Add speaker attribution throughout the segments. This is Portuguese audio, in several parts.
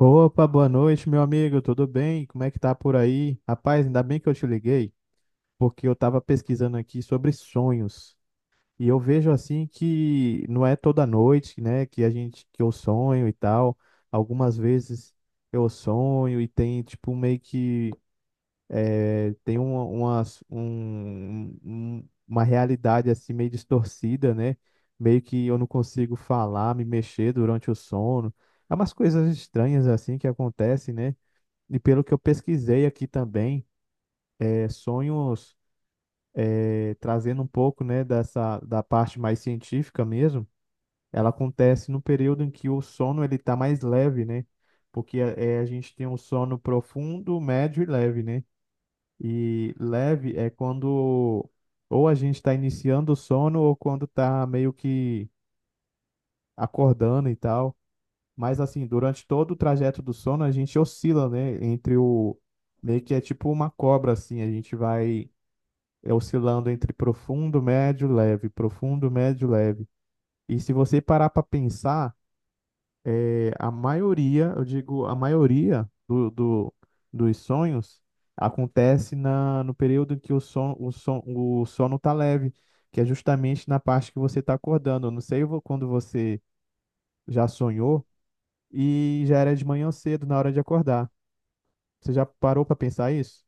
Speaker 1: Opa, boa noite, meu amigo, tudo bem? Como é que tá por aí? Rapaz, ainda bem que eu te liguei, porque eu tava pesquisando aqui sobre sonhos. E eu vejo assim que não é toda noite, né, que a gente que eu sonho e tal. Algumas vezes eu sonho e tem tipo meio que tem uma uma realidade assim meio distorcida, né? Meio que eu não consigo falar, me mexer durante o sono. É umas coisas estranhas assim que acontecem, né? E pelo que eu pesquisei aqui também, é, sonhos é, trazendo um pouco, né, dessa da parte mais científica mesmo, ela acontece no período em que o sono ele está mais leve, né? Porque a gente tem um sono profundo, médio e leve, né? E leve é quando ou a gente está iniciando o sono ou quando está meio que acordando e tal. Mas assim, durante todo o trajeto do sono, a gente oscila, né? Entre o. Meio que é tipo uma cobra, assim. A gente vai oscilando entre profundo, médio, leve, profundo, médio, leve. E se você parar para pensar, é, a maioria, eu digo, a maioria dos sonhos acontece na, no período em que o sono tá leve, que é justamente na parte que você tá acordando. Eu não sei quando você já sonhou e já era de manhã cedo, na hora de acordar. Você já parou pra pensar isso?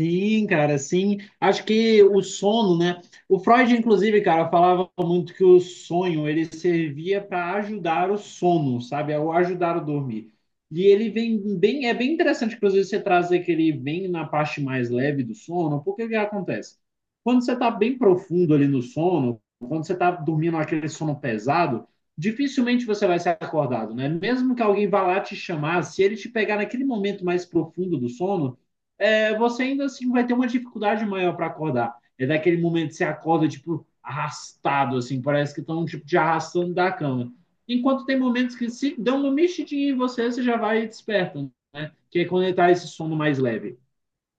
Speaker 2: Sim, cara, sim. Acho que o sono, né? O Freud, inclusive, cara, falava muito que o sonho ele servia para ajudar o sono, sabe? Ou ajudar o dormir. E ele vem bem, bem interessante, inclusive, você trazer que ele vem na parte mais leve do sono, porque o que acontece? Quando você está bem profundo ali no sono, quando você está dormindo aquele sono pesado, dificilmente você vai ser acordado, né? Mesmo que alguém vá lá te chamar, se ele te pegar naquele momento mais profundo do sono você ainda assim vai ter uma dificuldade maior para acordar. É daquele momento que você acorda, tipo, arrastado, assim, parece que estão, tipo, te arrastando da cama. Enquanto tem momentos que se dão uma mexidinha em você, você já vai despertando, que é quando ele tá esse sono mais leve.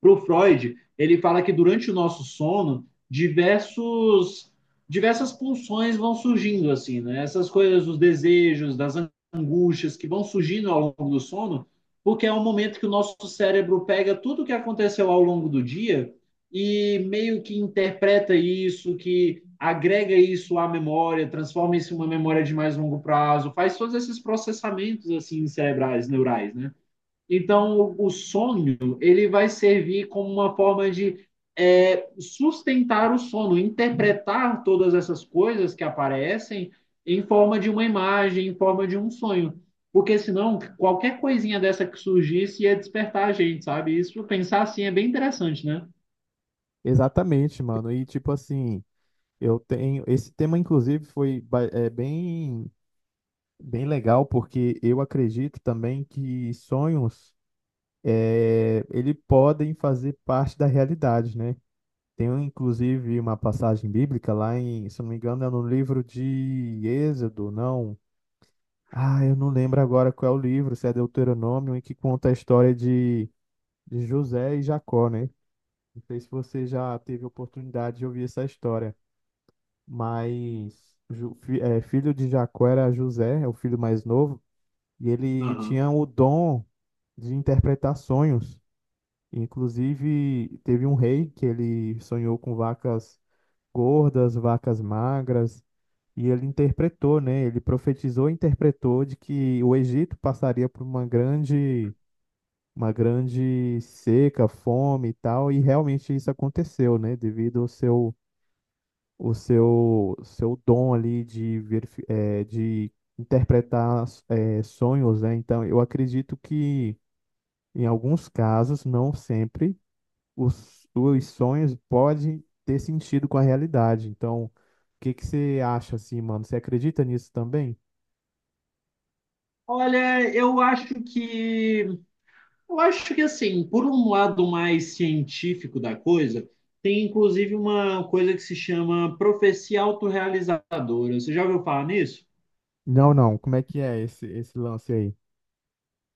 Speaker 2: Para o Freud, ele fala que durante o nosso sono, diversos diversas pulsões vão surgindo assim, né? Essas coisas, os desejos, das angústias que vão surgindo ao longo do sono, porque é um momento que o nosso cérebro pega tudo o que aconteceu ao longo do dia e meio que interpreta isso, que agrega isso à memória, transforma isso em uma memória de mais longo prazo, faz todos esses processamentos assim cerebrais, neurais, né? Então, o sonho ele vai servir como uma forma de sustentar o sono, interpretar todas essas coisas que aparecem em forma de uma imagem, em forma de um sonho. Porque senão, qualquer coisinha dessa que surgisse ia despertar a gente, sabe? Isso, pensar assim, é bem interessante, né?
Speaker 1: Exatamente, mano. E tipo assim, eu tenho. Esse tema, inclusive, foi bem, bem legal, porque eu acredito também que sonhos é, ele podem fazer parte da realidade, né? Tem, inclusive, uma passagem bíblica lá em, se eu não me engano, é no livro de Êxodo, não. Ah, eu não lembro agora qual é o livro, se é Deuteronômio, em que conta a história de José e Jacó, né? Não sei se você já teve oportunidade de ouvir essa história, mas filho de Jacó era José, é o filho mais novo, e ele
Speaker 2: Aham.
Speaker 1: tinha o dom de interpretar sonhos. Inclusive, teve um rei que ele sonhou com vacas gordas, vacas magras, e ele interpretou, né? Ele profetizou e interpretou de que o Egito passaria por uma grande seca, fome e tal, e realmente isso aconteceu, né? Devido ao seu dom ali de ver, de interpretar sonhos, né? Então, eu acredito que em alguns casos, não sempre, os sonhos podem ter sentido com a realidade. Então, o que que você acha assim, mano? Você acredita nisso também?
Speaker 2: Olha, eu acho que eu acho que, assim, por um lado mais científico da coisa, tem inclusive uma coisa que se chama profecia autorrealizadora. Você já ouviu falar nisso?
Speaker 1: Não, não. Como é que é esse lance aí?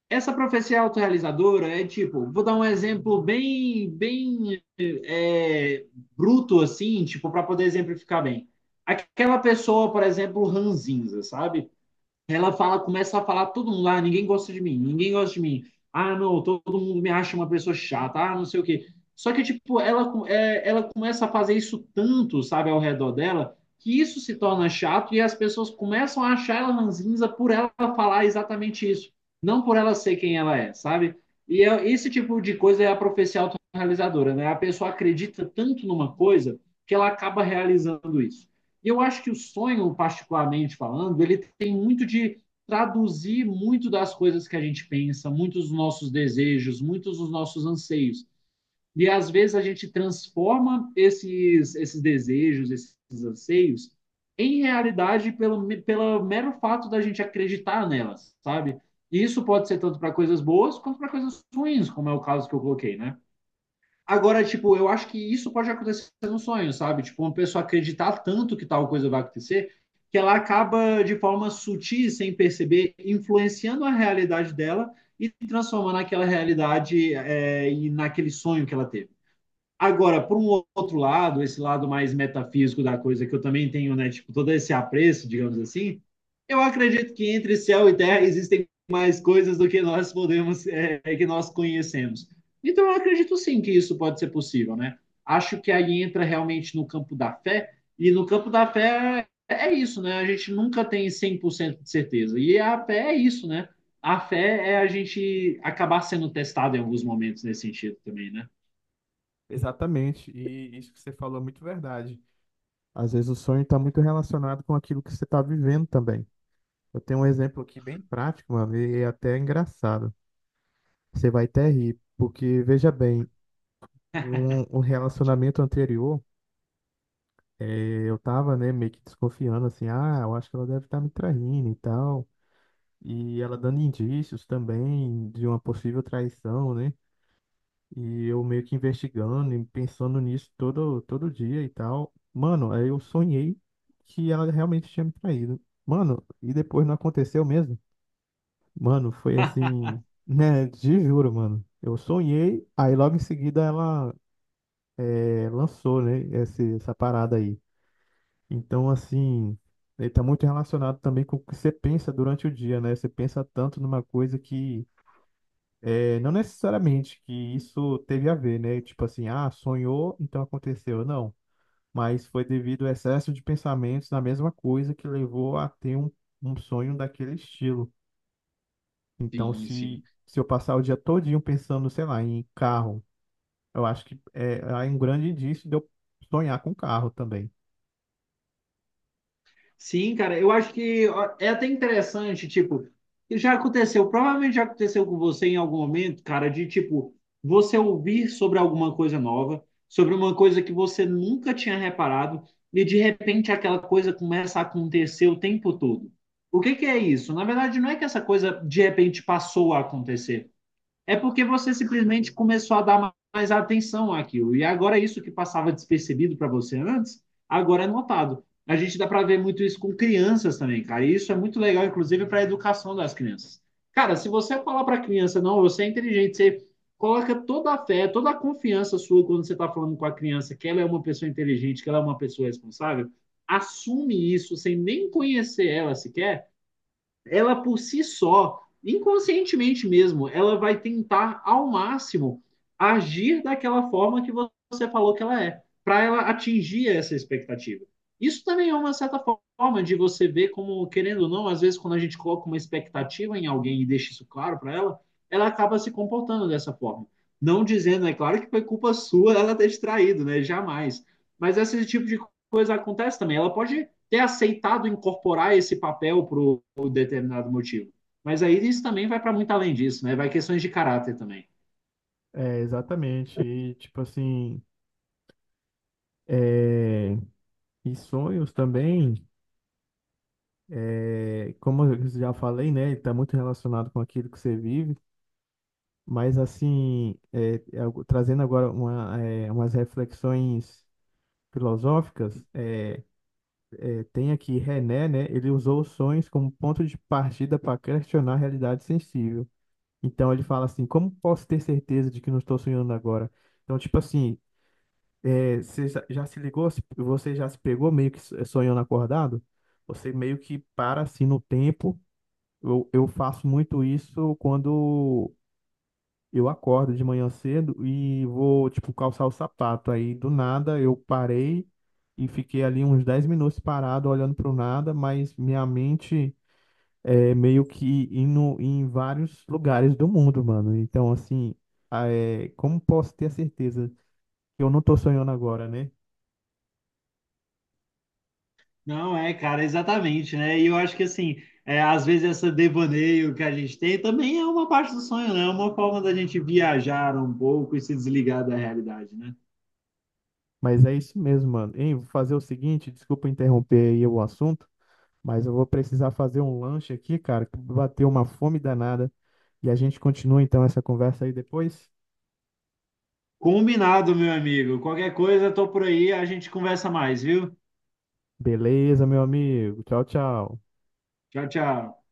Speaker 2: Essa profecia autorrealizadora é tipo, vou dar um exemplo bem, bruto, assim, tipo, para poder exemplificar bem. Aquela pessoa, por exemplo, ranzinza, sabe? Ela fala, começa a falar todo mundo, ah, ninguém gosta de mim, ninguém gosta de mim. Ah, não, todo mundo me acha uma pessoa chata, ah, não sei o quê. Só que, tipo, ela começa a fazer isso tanto, sabe, ao redor dela, que isso se torna chato e as pessoas começam a achar ela ranzinza por ela falar exatamente isso, não por ela ser quem ela é, sabe? Esse tipo de coisa é a profecia autorrealizadora, né? A pessoa acredita tanto numa coisa que ela acaba realizando isso. Eu acho que o sonho, particularmente falando, ele tem muito de traduzir muito das coisas que a gente pensa, muitos dos nossos desejos, muitos dos nossos anseios. E às vezes a gente transforma esses desejos, esses anseios, em realidade pelo mero fato da gente acreditar nelas, sabe? E isso pode ser tanto para coisas boas quanto para coisas ruins, como é o caso que eu coloquei, né? Agora, tipo, eu acho que isso pode acontecer no sonho, sabe? Tipo, uma pessoa acreditar tanto que tal coisa vai acontecer que ela acaba, de forma sutil, sem perceber, influenciando a realidade dela e transformando aquela realidade e naquele sonho que ela teve. Agora, por um outro lado, esse lado mais metafísico da coisa, que eu também tenho, né, tipo, todo esse apreço, digamos assim, eu acredito que entre céu e terra existem mais coisas do que nós podemos, que nós conhecemos. Então, eu acredito sim que isso pode ser possível, né? Acho que aí entra realmente no campo da fé, e no campo da fé é isso, né? A gente nunca tem 100% de certeza. E a fé é isso, né? A fé é a gente acabar sendo testado em alguns momentos nesse sentido também, né?
Speaker 1: Exatamente, e isso que você falou é muito verdade. Às vezes o sonho está muito relacionado com aquilo que você está vivendo também. Eu tenho um exemplo aqui bem prático, mano, e é até engraçado. Você vai até rir, porque veja bem, em um relacionamento anterior, eu tava, né, meio que desconfiando, assim, ah, eu acho que ela deve estar me traindo e tal. E ela dando indícios também de uma possível traição, né? E eu meio que investigando e pensando nisso todo dia e tal. Mano, aí eu sonhei que ela realmente tinha me traído. Mano, e depois não aconteceu mesmo? Mano, foi assim, né? Te juro, mano. Eu sonhei, aí logo em seguida ela lançou, né? Essa parada aí. Então, assim, ele tá muito relacionado também com o que você pensa durante o dia, né? Você pensa tanto numa coisa que. É, não necessariamente que isso teve a ver, né? Tipo assim, ah, sonhou, então aconteceu. Não. Mas foi devido ao excesso de pensamentos na mesma coisa que levou a ter um sonho daquele estilo. Então,
Speaker 2: Sim, sim.
Speaker 1: se eu passar o dia todinho pensando, sei lá, em carro, eu acho que é um grande indício de eu sonhar com carro também.
Speaker 2: Sim, cara, eu acho que ó, é até interessante, tipo, já aconteceu, provavelmente já aconteceu com você em algum momento, cara, de tipo, você ouvir sobre alguma coisa nova, sobre uma coisa que você nunca tinha reparado, e de repente aquela coisa começa a acontecer o tempo todo. O que que é isso? Na verdade, não é que essa coisa de repente passou a acontecer. É porque você simplesmente começou a dar mais atenção àquilo. E agora é isso que passava despercebido para você antes, agora é notado. A gente dá para ver muito isso com crianças também, cara. E isso é muito legal, inclusive, para a educação das crianças. Cara, se você falar para a criança, não, você é inteligente, você coloca toda a fé, toda a confiança sua quando você está falando com a criança que ela é uma pessoa inteligente, que ela é uma pessoa responsável, assume isso sem nem conhecer ela sequer ela por si só, inconscientemente mesmo, ela vai tentar ao máximo agir daquela forma que você falou que ela é, para ela atingir essa expectativa. Isso também é uma certa forma de você ver como, querendo ou não, às vezes quando a gente coloca uma expectativa em alguém e deixa isso claro para ela, ela acaba se comportando dessa forma. Não dizendo, é claro que foi culpa sua ela ter distraído, né? Jamais. Mas esse tipo de coisa acontece também. Ela pode ter aceitado incorporar esse papel por um determinado motivo. Mas aí isso também vai para muito além disso, né? Vai questões de caráter também.
Speaker 1: É, exatamente. E, tipo assim, é... e sonhos também. É, como eu já falei, né, está muito relacionado com aquilo que você vive, mas assim, algo... trazendo agora uma, é, umas reflexões filosóficas, tem aqui René, né, ele usou os sonhos como ponto de partida para questionar a realidade sensível. Então ele fala assim, como posso ter certeza de que não estou sonhando agora? Então, tipo assim, é, você já se ligou, você já se pegou meio que sonhando acordado? Você meio que para assim no tempo. Eu faço muito isso quando eu acordo de manhã cedo e vou, tipo, calçar o sapato. Aí, do nada, eu parei e fiquei ali uns 10 minutos parado, olhando para o nada, mas minha mente é meio que indo em vários lugares do mundo, mano. Então, assim, ah, é, como posso ter a certeza que eu não tô sonhando agora, né?
Speaker 2: Não, cara, exatamente, né? E eu acho que, assim, às vezes essa devaneio que a gente tem também é uma parte do sonho, né? É uma forma da gente viajar um pouco e se desligar da realidade, né?
Speaker 1: Mas é isso mesmo, mano. Hein, vou fazer o seguinte, desculpa interromper aí o assunto. Mas eu vou precisar fazer um lanche aqui, cara, que bateu uma fome danada. E a gente continua então essa conversa aí depois?
Speaker 2: Combinado, meu amigo. Qualquer coisa, eu tô por aí, a gente conversa mais, viu?
Speaker 1: Beleza, meu amigo. Tchau, tchau.
Speaker 2: Tchau, tchau.